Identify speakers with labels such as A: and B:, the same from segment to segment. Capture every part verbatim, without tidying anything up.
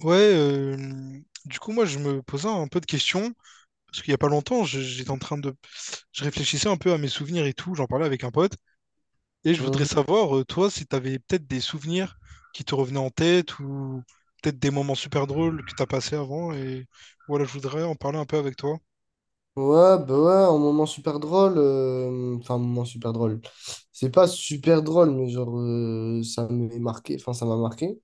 A: Ouais, euh, du coup, moi, je me posais un peu de questions, parce qu'il y a pas longtemps, je- j'étais en train de... Je réfléchissais un peu à mes souvenirs et tout, j'en parlais avec un pote, et je voudrais
B: Mhm.
A: savoir, euh, toi, si t'avais peut-être des souvenirs qui te revenaient en tête, ou peut-être des moments super drôles que t'as passés avant, et voilà, je voudrais en parler un peu avec toi.
B: Ouais, bah ouais, un moment super drôle. euh, Enfin, un moment super drôle. C'est pas super drôle, mais genre, euh, ça m'est marqué. Enfin, ça m'a marqué.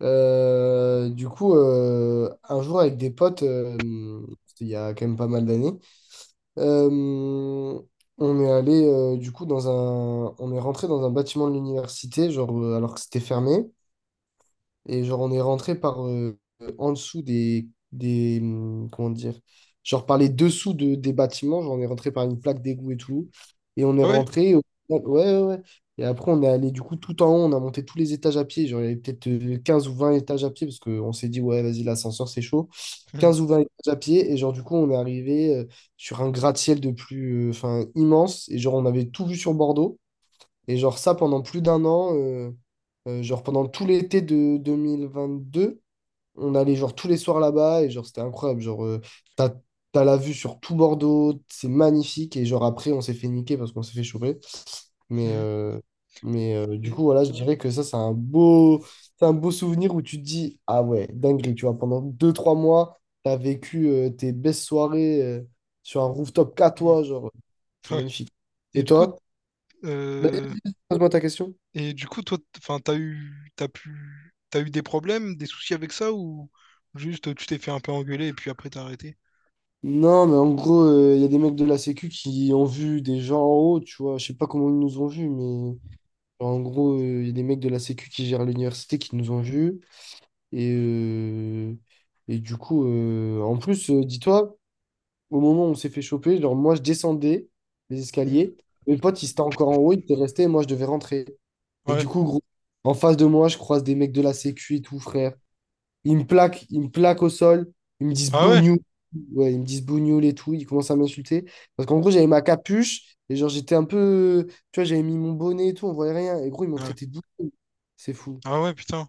B: Euh, du coup, euh, un jour, avec des potes, euh, c'était il y a quand même pas mal d'années, euh, on est allé, euh, du coup, dans un. On est rentré dans un bâtiment de l'université, genre, euh, alors que c'était fermé. Et genre, on est rentré par euh, en dessous des, des. hum, Comment dire? Genre, par les dessous de, des bâtiments. Genre, on est rentré par une plaque d'égout et tout. Et on est
A: Ah ouais?
B: rentré. au- Ouais, ouais, ouais. Et après, on est allé du coup tout en haut. On a monté tous les étages à pied. Genre, il y avait peut-être euh, quinze ou vingt étages à pied parce qu'on s'est dit, ouais, vas-y, l'ascenseur, c'est chaud.
A: Mhm.
B: Quinze ou vingt étages à pied. Et genre, du coup, on est arrivé euh, sur un gratte-ciel de plus. euh, Enfin, immense. Et genre, on avait tout vu sur Bordeaux. Et genre ça, pendant plus d'un an, euh, euh, genre pendant tout l'été de deux mille vingt-deux, on allait genre tous les soirs là-bas, et genre c'était incroyable. Genre euh, t'as, t'as la vue sur tout Bordeaux, c'est magnifique. Et genre après, on s'est fait niquer parce qu'on s'est fait choper. Mais,
A: Mhm.
B: euh, mais euh, du coup,
A: Et,
B: voilà, je dirais que ça, c'est un beau c'est un beau souvenir où tu te dis, ah ouais, dinguerie, tu vois, pendant deux trois mois, t'as vécu euh, tes belles soirées euh, sur un rooftop qu'à
A: mhm.
B: toi, genre, c'est
A: Ouais.
B: magnifique.
A: Et
B: Et
A: du coup,
B: toi? Vas-y, pose-moi ta question.
A: Et du coup, toi, t- enfin, t'as eu, t'as pu, t'as eu des problèmes, des soucis avec ça, ou juste tu t'es fait un peu engueuler et puis après t'as arrêté?
B: Non, mais en gros, euh, il y a des mecs de la Sécu qui ont vu des gens en haut, tu vois. Je sais pas comment ils nous ont vus, mais genre, en gros, euh, il y a des mecs de la Sécu qui gèrent l'université qui nous ont vus. Et, euh, et du coup, euh, en plus, euh, dis-toi, au moment où on s'est fait choper, genre, moi, je descendais les
A: Hmm.
B: escaliers. Mes potes, ils étaient encore en haut, ils étaient restés, et moi, je devais rentrer. Et du
A: Ouais.
B: coup, gros, en face de moi, je croise des mecs de la Sécu et tout, frère. Ils me plaquent, ils me plaquent au sol. Ils me disent
A: Ah ouais?
B: bougnoule. Ouais, ils me disent bougnoule et tout. Ils commencent à m'insulter. Parce qu'en gros, j'avais ma capuche. Et genre, j'étais un peu. Tu vois, j'avais mis mon bonnet et tout. On voyait rien. Et gros, ils m'ont
A: Ouais.
B: traité de bougnoule. C'est fou.
A: Ah ouais, putain.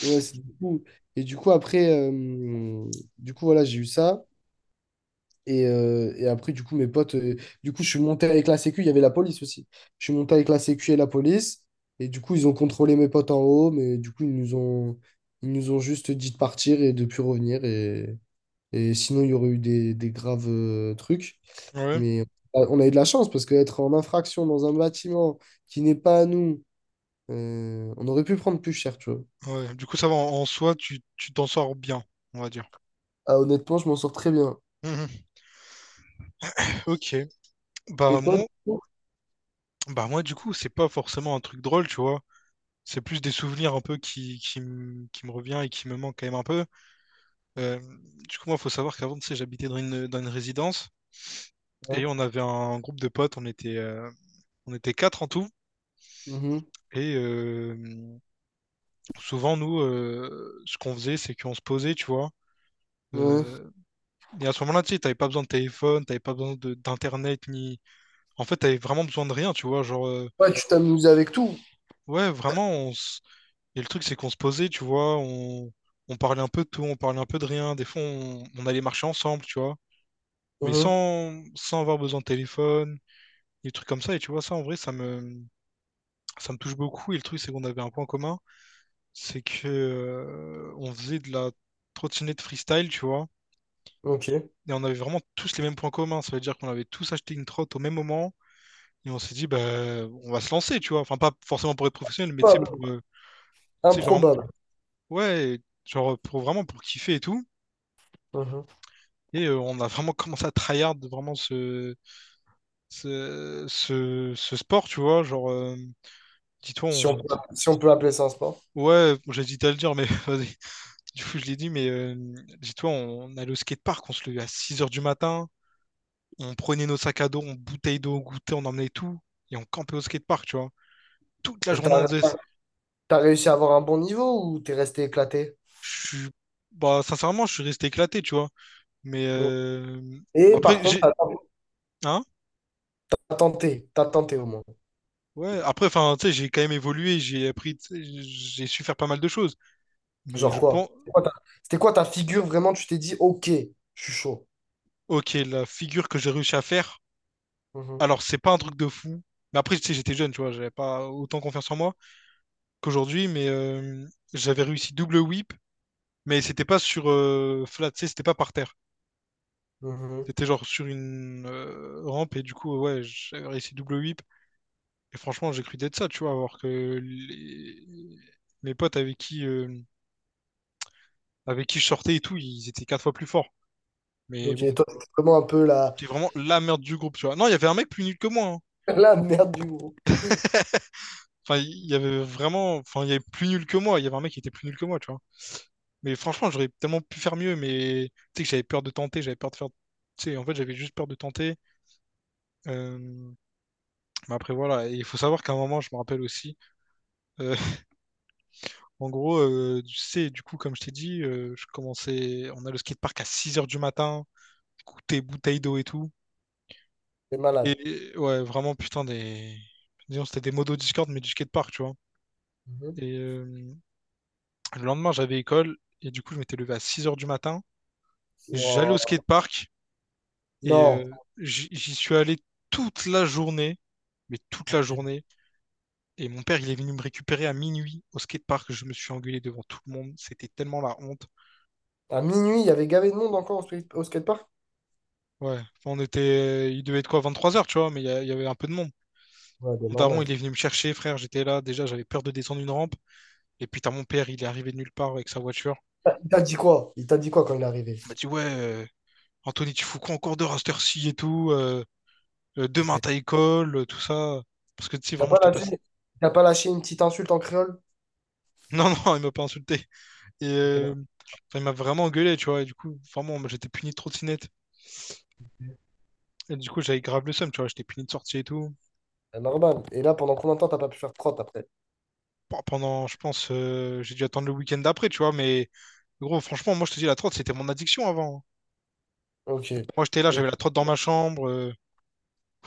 B: Ouais, c'est fou. Et du coup, après. euh, Du coup, voilà, j'ai eu ça. Et, euh, et après, du coup, mes potes. euh, Du coup, je suis monté avec la sécu. Il y avait la police aussi. Je suis monté avec la sécu et la police. Et du coup, ils ont contrôlé mes potes en haut. Mais du coup, ils nous ont. Ils nous ont juste dit de partir et de plus revenir. Et, et sinon, il y aurait eu des, des graves euh, trucs.
A: Ouais.
B: Mais euh, on a eu de la chance parce qu'être en infraction dans un bâtiment qui n'est pas à nous, euh, on aurait pu prendre plus cher, tu vois.
A: Ouais, du coup, ça va, en, en soi, tu tu t'en sors bien, on va dire.
B: Ah, honnêtement, je m'en sors très bien.
A: Mhm. Ok.
B: Et
A: Bah
B: toi, du
A: moi,
B: coup?
A: bah moi du coup, c'est pas forcément un truc drôle, tu vois. C'est plus des souvenirs un peu qui, qui, m- qui me revient et qui me manque quand même un peu. Euh, du coup, moi, faut savoir qu'avant, tu sais, j'habitais dans une, dans une résidence, et
B: Ouais.
A: on avait un groupe de potes, on était, euh, on était quatre en tout.
B: Mhm.
A: Et euh, souvent, nous, euh, ce qu'on faisait, c'est qu'on se posait, tu vois.
B: Ouais.
A: Euh, et à ce moment-là, tu sais, t'avais pas besoin de téléphone, t'avais pas besoin de- d'internet, ni, en fait, t'avais vraiment besoin de rien, tu vois. Genre, euh,
B: Ouais, tu t'amuses avec tout.
A: ouais, vraiment, on s- et le truc, c'est qu'on se posait, tu vois. On... on parlait un peu de tout, on parlait un peu de rien. Des fois, on, on allait marcher ensemble, tu vois. Mais
B: Mhm.
A: sans, sans avoir besoin de téléphone, des trucs comme ça. Et tu vois, ça, en vrai, ça me, ça me touche beaucoup. Et le truc, c'est qu'on avait un point commun, c'est que euh, on faisait de la trottinette freestyle, tu vois.
B: Ok.
A: Et on avait vraiment tous les mêmes points communs. Ça veut dire qu'on avait tous acheté une trotte au même moment. Et on s'est dit, bah, on va se lancer, tu vois. Enfin, pas forcément pour être professionnel, mais tu sais,
B: Improbable.
A: pour. euh, tu sais, genre,
B: Improbable.
A: ouais, genre pour vraiment pour kiffer et tout.
B: Mhm.
A: Et euh, on a vraiment commencé à tryhard vraiment ce, ce, ce, ce sport, tu vois. Genre, euh, dis-toi,
B: Si on
A: on...
B: peut, si on peut appeler ça un sport.
A: ouais, bon, j'hésite à le dire, mais vas-y. Du coup, je l'ai dit, mais euh, dis-toi, on allait au skatepark, on se levait à six heures du matin, on prenait nos sacs à dos, on bouteille d'eau, on goûtait, on emmenait tout, et on campait au skatepark, tu vois. Toute la
B: Et
A: journée, on
B: t'as,
A: faisait ça.
B: t'as réussi à avoir un bon niveau ou t'es resté éclaté?
A: Je suis, bah, sincèrement, je suis resté éclaté, tu vois. Mais
B: Non.
A: euh,
B: Et par
A: après,
B: contre,
A: j'ai.
B: t'as
A: Hein?
B: t'as tenté. T'as tenté au moins.
A: Ouais, après, enfin, tu sais, j'ai quand même évolué, j'ai appris, tu sais, j'ai su faire pas mal de choses. Mais
B: Genre
A: je
B: quoi?
A: pense,
B: C'était quoi ta, c'était quoi ta figure vraiment? Tu t'es dit, ok, je suis chaud.
A: ok, la figure que j'ai réussi à faire,
B: Mhm,
A: alors c'est pas un truc de fou. Mais après, tu sais, j'étais jeune, tu vois, j'avais pas autant confiance en moi qu'aujourd'hui, mais euh, j'avais réussi double whip, mais c'était pas sur euh, flat, tu sais, c'était pas par terre.
B: mhm.
A: C'était genre sur une euh, rampe, et du coup, ouais, j'avais réussi double whip. Et franchement, j'ai cru d'être ça, tu vois, alors que les- mes potes avec qui, euh, avec qui je sortais et tout, ils étaient quatre fois plus forts. Mais
B: Ok,
A: bon,
B: toi, c'est vraiment un peu la,
A: t'es vraiment la merde du groupe, tu vois. Non, il y avait un mec plus nul que moi, hein.
B: la merde du groupe.
A: Enfin, il y avait vraiment. Enfin, il y avait plus nul que moi. Il y avait un mec qui était plus nul que moi, tu vois. Mais franchement, j'aurais tellement pu faire mieux, mais tu sais que j'avais peur de tenter, j'avais peur de faire. Tu sais, en fait, j'avais juste peur de tenter. Euh, Mais après, voilà. Et il faut savoir qu'à un moment, je me rappelle aussi. euh, En gros, euh, tu sais, du coup, comme je t'ai dit, euh, je commençais. On a le skatepark à six heures du matin, goûter bouteille d'eau et tout.
B: T'es malade.
A: Et ouais, vraiment, putain, des. Disons, c'était des modos Discord, mais du skatepark, tu vois.
B: Mhm.
A: Et euh, Le lendemain, j'avais école, et du coup, je m'étais levé à six heures du matin. J'allais au
B: Wow.
A: skatepark et
B: Non.
A: euh, j'y j'y suis allé toute la journée, mais toute la
B: Ok.
A: journée. Et mon père, il est venu me récupérer à minuit au skatepark. Je me suis engueulé devant tout le monde. C'était tellement la honte.
B: À minuit, il y avait gavé de monde encore au, skate- au skatepark?
A: Ouais, enfin, on était, euh, il devait être quoi, vingt-trois heures, tu vois, mais il y, a- il y avait un peu de monde.
B: Ouais, ben,
A: Mon daron,
B: normal.
A: il est venu me chercher, frère. J'étais là. Déjà, j'avais peur de descendre une rampe. Et puis, t'as mon père, il est arrivé de nulle part avec sa voiture.
B: Il t'a dit quoi? Il t'a dit quoi quand il est arrivé?
A: Il m'a dit, ouais, euh, Anthony, tu fous quoi encore de heure heure-ci et tout? euh? Euh,
B: Ok.
A: demain
B: Il
A: t'as école, euh, tout ça. Parce que tu sais,
B: t'a
A: vraiment,
B: pas
A: je t'ai pas.
B: lâché, il t'a pas lâché une petite insulte en créole?
A: Non, non, il m'a pas insulté. Et
B: Ok,
A: euh,
B: non.
A: enfin, il m'a vraiment engueulé, tu vois. Et du coup, vraiment, moi, j'étais puni de trottinette. Et du coup, j'avais grave le seum, tu vois. J'étais puni de sortie et tout.
B: C'est normal. Et là, pendant combien de temps t'as pas pu faire de crotte après?
A: Pe- Pendant, je pense, euh, j'ai dû attendre le week-end d'après, tu vois. Mais gros, franchement, moi, je te dis, la trotte, c'était mon addiction avant.
B: Ok. Et,
A: Moi, j'étais là, j'avais la trotte dans ma chambre. euh,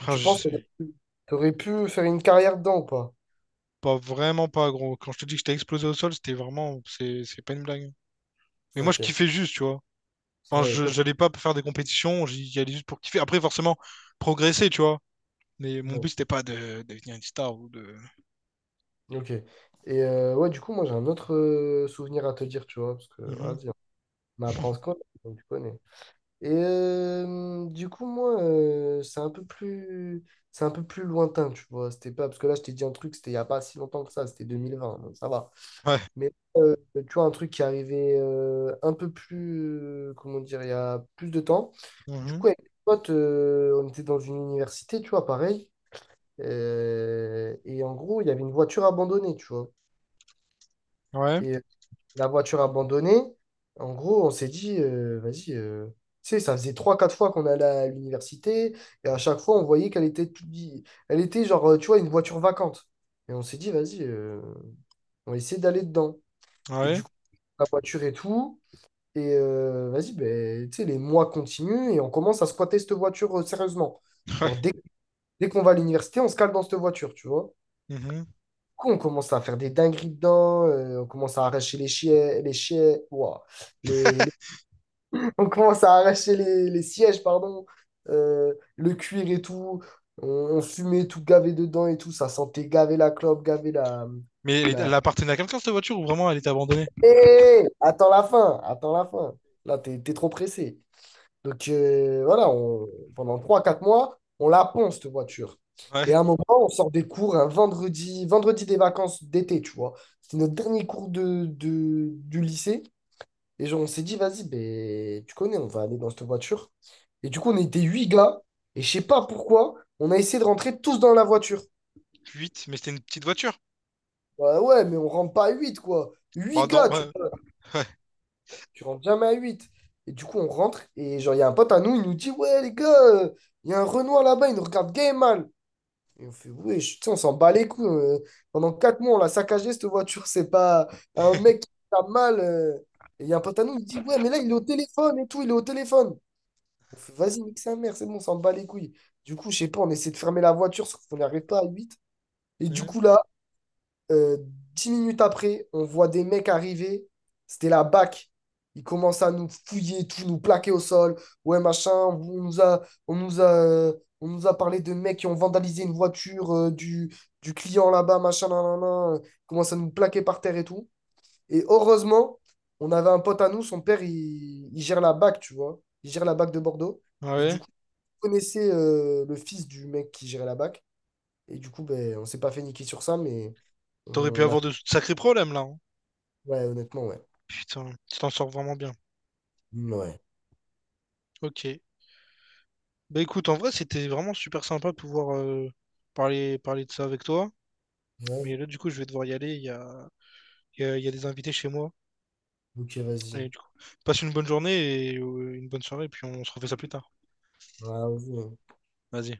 B: et tu
A: je
B: penses que
A: sais
B: t'aurais pu t'aurais pu faire une carrière dedans ou pas?
A: pas vraiment pas, gros. Quand je te dis que j'étais explosé au sol, c'était vraiment. C'est c'est pas une blague. Mais moi, je
B: Ok.
A: kiffais juste, tu vois. Enfin,
B: Ouais,
A: je
B: toi.
A: j'allais pas faire des compétitions, j'y j'y allais juste pour kiffer. Après, forcément, progresser, tu vois. Mais mon
B: Ouais.
A: but, c'était pas de devenir une star ou de.
B: Ok. Et euh, ouais, du coup, moi j'ai un autre euh, souvenir à te dire, tu vois, parce que ah,
A: Mhm.
B: vas-y, on apprend à se connaître, donc tu connais. Et euh, du coup, moi, euh, c'est un peu plus, c'est un peu plus lointain, tu vois. C'était pas parce que là, je t'ai dit un truc, c'était il y a pas si longtemps que ça, c'était deux mille vingt, donc ça va.
A: Ouais.
B: Mais euh, tu vois, un truc qui arrivait euh, un peu plus, euh, comment dire, il y a plus de temps. Du
A: Mhm.
B: coup, avec des potes, euh, on était dans une université, tu vois, pareil. Euh, et en gros, il y avait une voiture abandonnée, tu vois.
A: Ouais.
B: Et la voiture abandonnée. En gros, on s'est dit, euh, vas-y, euh, tu sais, ça faisait trois quatre fois qu'on allait à l'université, et à chaque fois, on voyait qu'elle était, tout- elle était genre, euh, tu vois, une voiture vacante. Et on s'est dit, vas-y, euh, on va essayer d'aller dedans. Et
A: Ouais.
B: du coup, la voiture et tout, et euh, vas-y, ben, tu sais, les mois continuent, et on commence à squatter cette voiture, euh, sérieusement. Genre,
A: Ouais.
B: dès, dès qu'on va à l'université, on se cale dans cette voiture, tu vois.
A: Mhm.
B: Du coup, on commence à faire des dingueries dedans, euh, on commence à arracher les chiens, les chiens, ouah, les, on commence à arracher les, les sièges, pardon, euh, le cuir et tout. On, on fumait tout gavé dedans et tout. Ça sentait gavé la clope, gavé la...
A: Mais elle, est-
B: la...
A: elle appartenait à quelqu'un, cette voiture, ou vraiment elle était abandonnée?
B: Hé, attends la fin, attends la fin. Là, t'es, t'es trop pressé. Donc euh, voilà, on- pendant trois quatre mois, on la ponce, cette voiture.
A: Ouais.
B: Et à un moment, on sort des cours un vendredi, vendredi des vacances d'été, tu vois. C'est notre dernier cours de, de- du lycée. Et genre, on s'est dit, vas-y, ben, tu connais, on va aller dans cette voiture. Et du coup, on était huit gars. Et je sais pas pourquoi, on a essayé de rentrer tous dans la voiture.
A: Huit, mais c'était une petite voiture.
B: Ouais, ouais, mais on rentre pas à huit, quoi.
A: Bah,
B: Huit
A: dans...
B: gars, tu,
A: ouais.
B: tu rentres jamais à huit. Et du coup, on rentre. Et genre, il y a un pote à nous, il nous dit, ouais, les gars, euh, il y a un Renoir là-bas, il nous regarde gay et mal. Et on fait, ouais, je- tu sais, on s'en bat les couilles. Euh, pendant quatre mois, on l'a saccagé, cette voiture. C'est pas un mec qui a mal. euh. Et il y a un pote à nous, il dit, ouais, mais là, il est au téléphone et tout, il est au téléphone. On fait, vas-y, nique sa mère, c'est bon, on s'en bat les couilles. Du coup, je sais pas, on essaie de fermer la voiture, sauf qu'on n'y arrive pas à huit. Et du
A: Mhm.
B: coup, là, euh, dix minutes après, on voit des mecs arriver. C'était la BAC. Ils commencent à nous fouiller, tout, nous plaquer au sol. Ouais, machin, on nous a, on nous a, euh, on nous a parlé de mecs qui ont vandalisé une voiture euh, du, du client là-bas, machin, nan, nan, nan. Ils commencent à nous plaquer par terre et tout. Et heureusement, on avait un pote à nous, son père, il, il gère la BAC, tu vois. Il gère la BAC de Bordeaux. Et du
A: Ouais.
B: coup, connaissait euh, le fils du mec qui gérait la BAC. Et du coup, ben, on s'est pas fait niquer sur ça, mais
A: T'aurais pu
B: on a.
A: avoir de sacrés problèmes, là, hein.
B: Ouais, honnêtement, ouais.
A: Putain, tu t'en sors vraiment bien.
B: Ouais.
A: Ok. Bah, écoute, en vrai, c'était vraiment super sympa de pouvoir euh, parler, parler de ça avec toi.
B: Ouais.
A: Mais là, du coup, je vais devoir y aller. Il y a, il y a il y a des invités chez moi.
B: Ok, vas-y.
A: Et
B: Ouais,
A: du coup, passe une bonne journée et euh, une bonne soirée, puis on se refait ça plus tard.
B: vas-y.
A: Vas-y.